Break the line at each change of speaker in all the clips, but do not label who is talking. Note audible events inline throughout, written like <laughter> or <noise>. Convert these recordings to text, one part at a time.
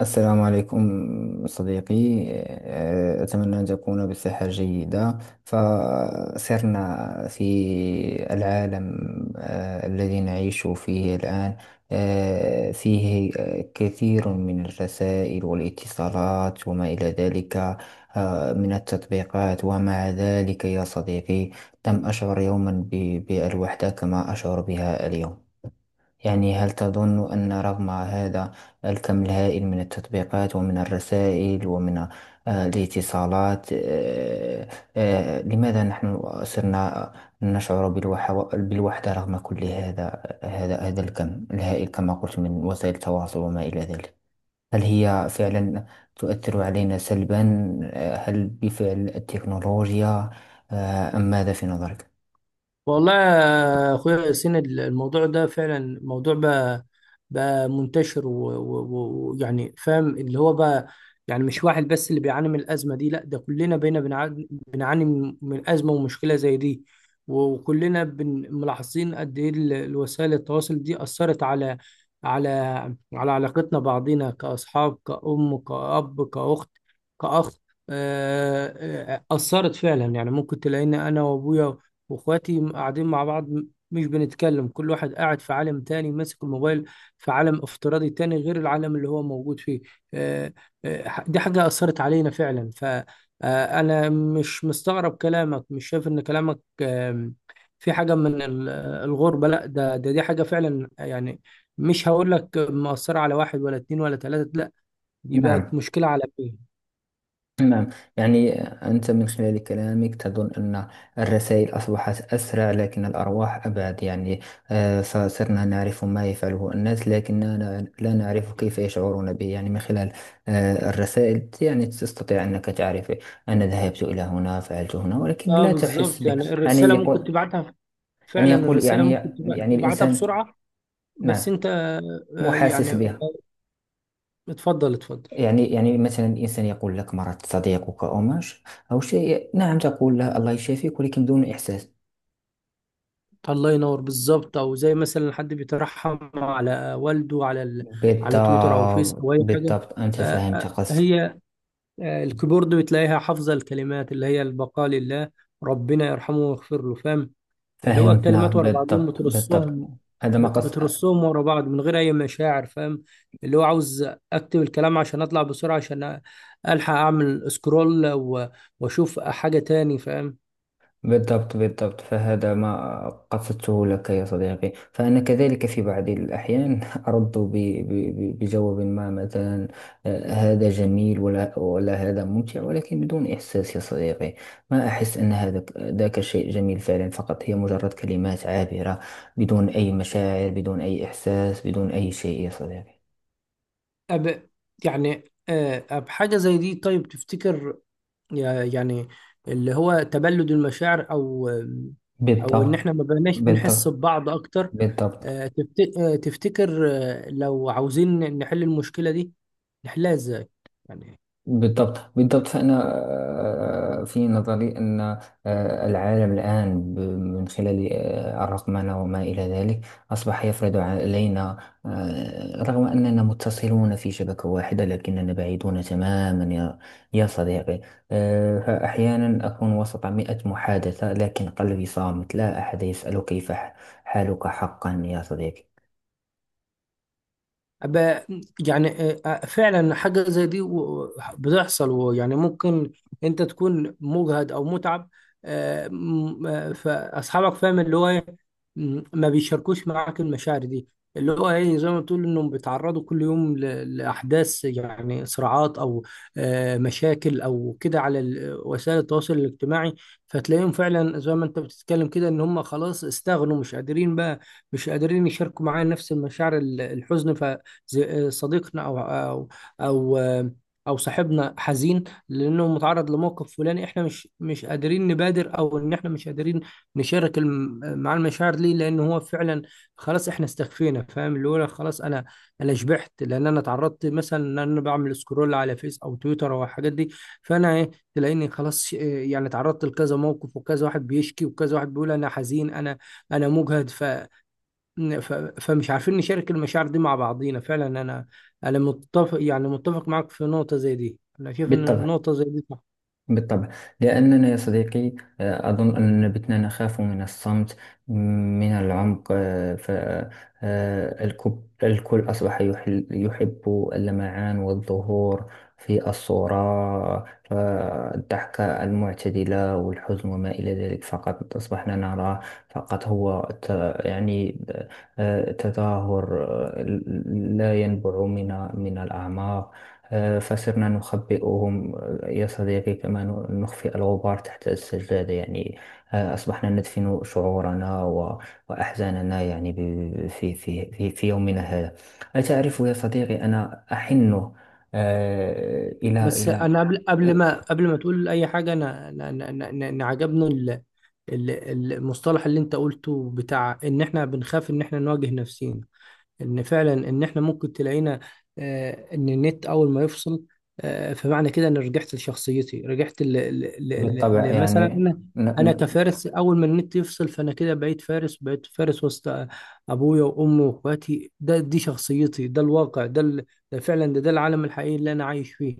السلام عليكم صديقي. أتمنى أن تكون بصحة جيدة. فسرنا في العالم الذي نعيش فيه الآن، فيه كثير من الرسائل والاتصالات وما إلى ذلك، من التطبيقات. ومع ذلك يا صديقي، لم أشعر يوما بالوحدة كما أشعر بها اليوم. يعني هل تظن أن رغم هذا الكم الهائل من التطبيقات ومن الرسائل ومن الاتصالات، لماذا نحن صرنا نشعر بالوحدة رغم كل هذا هذا الكم الهائل كما قلت من وسائل التواصل وما إلى ذلك؟ هل هي فعلا تؤثر علينا سلبا؟ هل بفعل التكنولوجيا أم ماذا في نظرك؟
والله يا اخويا ياسين، الموضوع ده فعلا موضوع بقى منتشر و- و- ويعني فاهم اللي هو بقى. يعني مش واحد بس اللي بيعاني من الازمه دي، لا ده كلنا بقينا بنعاني من ازمه ومشكله زي دي. وكلنا ملاحظين قد ايه الوسائل التواصل دي اثرت على على على علاقتنا بعضينا، كاصحاب، كأم، كأب، كأخت، كأخ. آه، أثرت فعلا. يعني ممكن تلاقيني أنا وأبويا واخواتي قاعدين مع بعض، مش بنتكلم، كل واحد قاعد في عالم تاني ماسك الموبايل، في عالم افتراضي تاني غير العالم اللي هو موجود فيه. آه، دي حاجة أثرت علينا فعلا، فأنا مش مستغرب كلامك، مش شايف إن كلامك في حاجة من الغربة. لا ده دي حاجة فعلا يعني مش هقول لك مؤثرة على واحد ولا اتنين ولا تلاتة، لا دي بقت
نعم،
مشكلة عالمية.
نعم، يعني أنت من خلال كلامك تظن أن الرسائل أصبحت أسرع، لكن الأرواح أبعد. يعني فصرنا نعرف ما يفعله الناس، لكننا لا نعرف كيف يشعرون به. يعني من خلال الرسائل يعني تستطيع أنك تعرف، أنا ذهبت إلى هنا، فعلت هنا، ولكن
اه
لا تحس
بالظبط،
به.
يعني
يعني
الرسالة ممكن
يقول
تبعتها،
يعني
فعلا
يقول
الرسالة
يعني
ممكن
يعني
تبعتها
الإنسان.
بسرعة. بس
نعم،
انت
مو حاسس
يعني.
بها.
اتفضل اتفضل.
يعني مثلا الإنسان يقول لك: مرض صديقك أو ما ش- أو شيء، نعم، تقول له: الله يشافيك، ولكن بدون إحساس.
الله ينور، بالظبط، او زي مثلا حد بيترحم على والده، على ال... على تويتر او فيس او
بالضبط،
اي حاجه.
بالضبط، أنت فهمت قصدي.
هي الكيبورد بتلاقيها حافظه الكلمات اللي هي: البقاء لله، ربنا يرحمه ويغفر له. فاهم؟ اللي هو
فهمتنا.
الكلمات ورا بعضهم
بالضبط، بالضبط،
بترصهم،
هذا ما قصد.
بترصهم ورا بعض من غير اي مشاعر. فاهم؟ اللي هو عاوز اكتب الكلام عشان اطلع بسرعه، عشان الحق اعمل سكرول و... واشوف حاجه تاني. فاهم؟
بالضبط، بالضبط، فهذا ما قصدته لك يا صديقي. فأنا كذلك في بعض الأحيان <laughs> أرد بجواب ما، مثلا هذا جميل، ولا هذا ممتع، ولكن بدون إحساس يا صديقي. ما أحس أن هذا ذاك شيء جميل فعلا، فقط هي مجرد كلمات عابرة، بدون أي مشاعر، بدون أي إحساس، بدون أي شيء يا صديقي.
أب. يعني أب حاجة زي دي. طيب تفتكر، يعني اللي هو تبلد المشاعر، أو أو إن
بالضبط،
إحنا ما بقناش بنحس
بالضبط،
ببعض أكتر؟
بالضبط،
تفتكر لو عاوزين نحل المشكلة دي نحلها إزاي؟ يعني
بالضبط، بالضبط، فأنا في نظري أن العالم الآن من خلال الرقمنة وما إلى ذلك، أصبح يفرض علينا، رغم أننا متصلون في شبكة واحدة، لكننا بعيدون تماما، يا صديقي. فأحيانا أكون وسط 100 محادثة، لكن قلبي صامت، لا أحد يسأل: كيف حالك حقا، يا صديقي؟
أب- يعني، فعلا حاجة زي دي بتحصل، ويعني ممكن انت تكون مجهد او متعب. فاصحابك، فاهم اللي هو ايه، ما بيشاركوش معاك المشاعر دي. اللي هو ايه زي ما تقول، انهم بيتعرضوا كل يوم لاحداث، يعني صراعات او مشاكل او كده على وسائل التواصل الاجتماعي. فتلاقيهم فعلا زي ما انت بتتكلم كده، ان هم خلاص استغنوا، مش قادرين بقى، مش قادرين يشاركوا معايا نفس المشاعر. الحزن، صديقنا او او صاحبنا حزين لانه متعرض لموقف فلاني، احنا مش قادرين نبادر، او ان احنا مش قادرين نشارك مع المشاعر دي، لان هو فعلا خلاص احنا استكفينا. فاهم اللي هو أنا خلاص، انا شبعت، لان انا اتعرضت مثلا ان انا بعمل سكرول على فيس او تويتر او الحاجات دي. فانا ايه، تلاقيني خلاص، إيه، يعني اتعرضت لكذا موقف، وكذا واحد بيشكي، وكذا واحد بيقول انا حزين، انا مجهد. ف- فمش عارفين نشارك المشاعر دي مع بعضينا فعلا. انا متفق، يعني متفق معاك في نقطة زي دي، انا شايف ان
بالطبع،
النقطة زي دي صح.
بالطبع، لأننا يا صديقي، أظن أننا بتنا نخاف من الصمت، م- من العمق. فالكل أصبح يحب اللمعان والظهور في الصورة. فالضحكة المعتدلة والحزن وما إلى ذلك فقط أصبحنا نرى، فقط هو يعني تظاهر، لا ينبع من الأعماق. فصرنا نخبئهم يا صديقي، كما نخفي الغبار تحت السجادة. يعني أصبحنا ندفن شعورنا وأحزاننا، يعني في يومنا هذا. أتعرف يا صديقي؟ أنا أحن إلى
بس
إلى
انا قبل قبل ما
آه،
قبل ما تقول اي حاجة، أنا عجبني المصطلح اللي انت قلته، بتاع ان احنا بنخاف ان احنا نواجه نفسينا. ان فعلا ان احنا ممكن تلاقينا ان النت اول ما يفصل، فمعنى كده ان رجعت لشخصيتي، رجعت
بالطبع.
لمثلا
يعني
انا،
ن-
انا
ن-
كفارس. اول ما النت يفصل فانا كده بقيت فارس، بقيت فارس وسط ابويا وامي واخواتي. دي شخصيتي، ده الواقع، ده فعلا ده العالم الحقيقي اللي انا عايش فيه.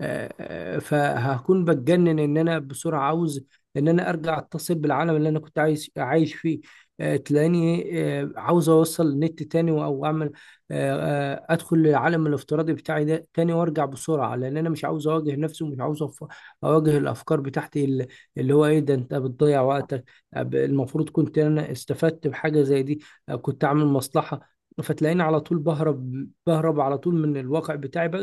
فهكون بتجنن ان انا بسرعة عاوز ان انا ارجع اتصل بالعالم اللي انا كنت عايش فيه. تلاقيني عاوز اوصل النت تاني او اعمل ادخل العالم الافتراضي بتاعي ده تاني وارجع بسرعه، لان انا مش عاوز اواجه نفسي، ومش عاوز اواجه الافكار بتاعتي، اللي اللي هو ايه، ده انت بتضيع وقتك. المفروض كنت انا استفدت بحاجه زي دي، كنت اعمل مصلحه. فتلاقيني على طول بهرب، بهرب على طول من الواقع بتاعي،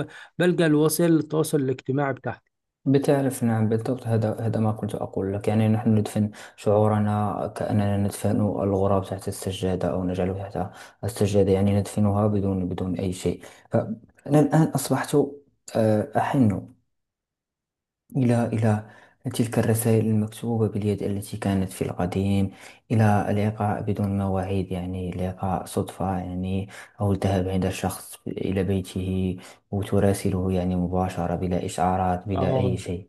ب- بلجأ لوسائل التواصل الاجتماعي بتاعتي.
بتعرف، نعم، بالضبط، هذا ما كنت أقول لك. يعني نحن ندفن شعورنا، كأننا ندفن الغراب تحت السجادة، أو نجعله تحت السجادة، يعني ندفنها بدون أي شيء. فأنا الآن أصبحت أحن إلى تلك الرسائل المكتوبة باليد التي كانت في القديم، إلى اللقاء بدون مواعيد، يعني لقاء صدفة، يعني، أو الذهاب عند الشخص إلى بيته، وتراسله يعني مباشرة، بلا إشعارات، بلا أي
اه،
شيء.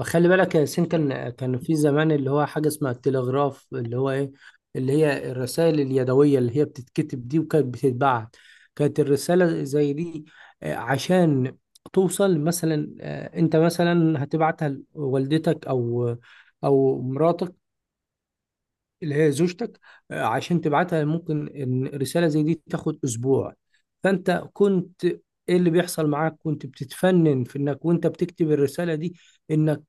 خلي بالك يا ياسين، كان في زمان اللي هو حاجة اسمها التلغراف، اللي هو ايه، اللي هي الرسائل اليدوية اللي هي بتتكتب دي، وكانت بتتبعت. كانت الرسالة زي دي عشان توصل مثلا، انت مثلا هتبعتها لوالدتك او او مراتك اللي هي زوجتك، عشان تبعتها ممكن إن رسالة زي دي تاخد أسبوع. فأنت كنت، إيه اللي بيحصل معاك، كنت بتتفنن في إنك وأنت بتكتب الرسالة دي، إنك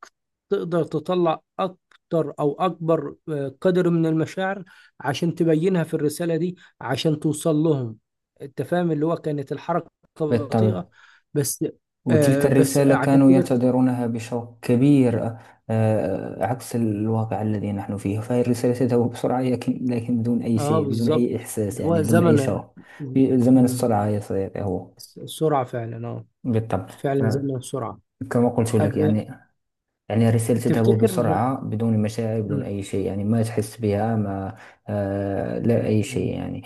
تقدر تطلع أكتر أو أكبر قدر من المشاعر عشان تبينها في الرسالة دي، عشان توصل لهم. أنت فاهم اللي هو كانت الحركة
بالطبع.
بطيئة. بس.
وتلك
آه بس
الرسالة
عشان
كانوا
كده.
ينتظرونها بشوق كبير. عكس الواقع الذي نحن فيه، فهي الرسالة تذهب بسرعة، لكن بدون أي
اه
شيء، بدون أي
بالظبط،
إحساس،
اللي
يعني
هو
بدون أي
زمن.
شوق، في زمن
مم،
السرعة يا صديقي، هو.
السرعة فعلا، اه،
بالطبع.
فعلا زي
فكما
ما بسرعة.
قلت لك،
أب...
يعني، الرسالة تذهب
تفتكر.
بسرعة، بدون مشاعر، بدون
مم.
أي شيء، يعني ما تحس بها، ما لا أي
مم.
شيء، يعني.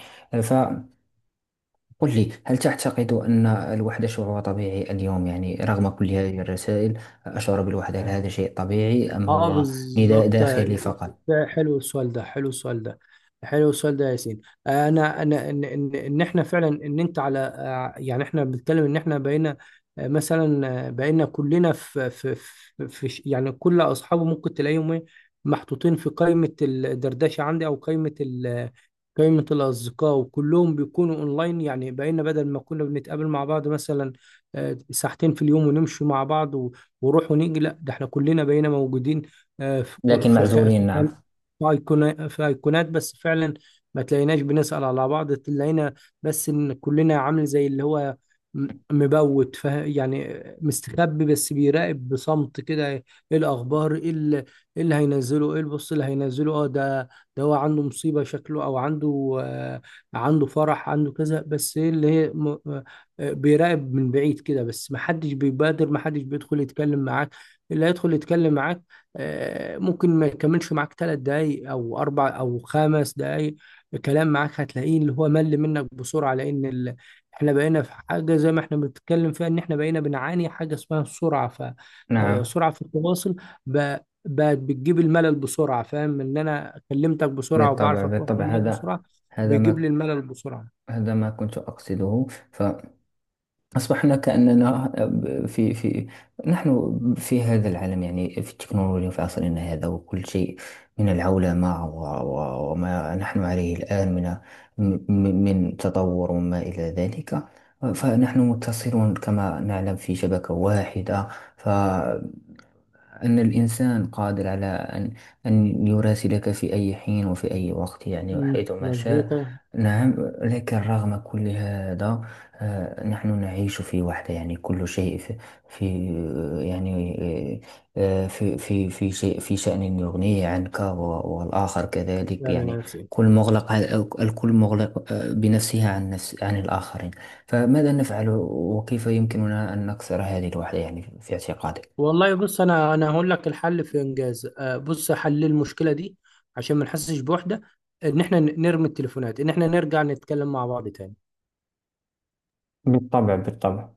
قل لي: هل تعتقد أن الوحدة شعور طبيعي اليوم؟ يعني رغم كل هذه الرسائل أشعر بالوحدة، هل هذا شيء طبيعي أم
اه
هو نداء
بالظبط.
داخلي فقط؟
ده حلو السؤال، ده يا ياسين. انا انا ان ان إن احنا فعلا، ان انت على يعني احنا بنتكلم ان احنا بقينا مثلا بقينا كلنا في يعني، كل اصحابه ممكن تلاقيهم إيه؟ محطوطين في قائمة الدردشة عندي، او قائمة قائمة الأصدقاء، وكلهم بيكونوا أونلاين. يعني بقينا بدل ما كنا بنتقابل مع بعض مثلا ساعتين في اليوم، ونمشي مع بعض وروح ونيجي، لا ده احنا كلنا بقينا موجودين آه، في كو-
لكن
في خ-
معزولين،
في
نعم.
خل- في أيقونة- في ايقونات بس. فعلا ما تلاقيناش بنسأل على بعض، تلاقينا بس ان كلنا عامل زي اللي هو مبوت، يعني مستخبي بس بيراقب بصمت كده: ايه الاخبار، ايه إيه اللي هينزله، ايه البص اللي هينزله. اه ده هو عنده مصيبة شكله، او عنده آه، عنده فرح، عنده كذا. بس ايه اللي هي، بيراقب من بعيد كده بس، محدش بيبادر، محدش بيدخل يتكلم معاك. اللي هيدخل يتكلم معاك ممكن ما يكملش معاك ثلاث دقايق او اربع او خمس دقايق كلام معاك، هتلاقيه اللي هو مل منك بسرعة، لان ال... احنا بقينا في حاجة زي ما احنا بنتكلم فيها، ان احنا بقينا بنعاني حاجة اسمها السرعة، ف
نعم،
سرعة في التواصل ب... بقت بتجيب الملل بسرعة. فاهم ان انا كلمتك بسرعة،
بالطبع،
وبعرف اتواصل
بالطبع،
معاك بسرعة،
هذا
بيجيب
ما
لي الملل بسرعة.
هذا ما كنت أقصده. أصبحنا كأننا في في نحن في هذا العالم، يعني في التكنولوجيا، في عصرنا هذا، وكل شيء من العولمة وما نحن عليه الآن من تطور وما إلى ذلك. فنحن متصلون كما نعلم في شبكة واحدة. أن الإنسان قادر على أن يراسلك في أي حين وفي أي وقت، يعني وحيثما شاء.
مظبوطة
نعم. لكن رغم كل هذا، نحن نعيش في وحدة، يعني كل شيء في, في يعني في شيء، في شأن يغنيه عنك، والآخر كذلك،
فعلا يا
يعني
ياسين.
الكل مغلق بنفسه، عن عن الآخرين. فماذا نفعل؟ وكيف يمكننا أن نكسر هذه الوحدة، يعني، في اعتقادك؟
والله بص، انا هقول لك الحل في انجاز، بص، حل المشكله دي عشان ما نحسش بوحده: ان احنا نرمي التليفونات، ان احنا نرجع نتكلم مع بعض تاني.
بالطبع، بالطبع.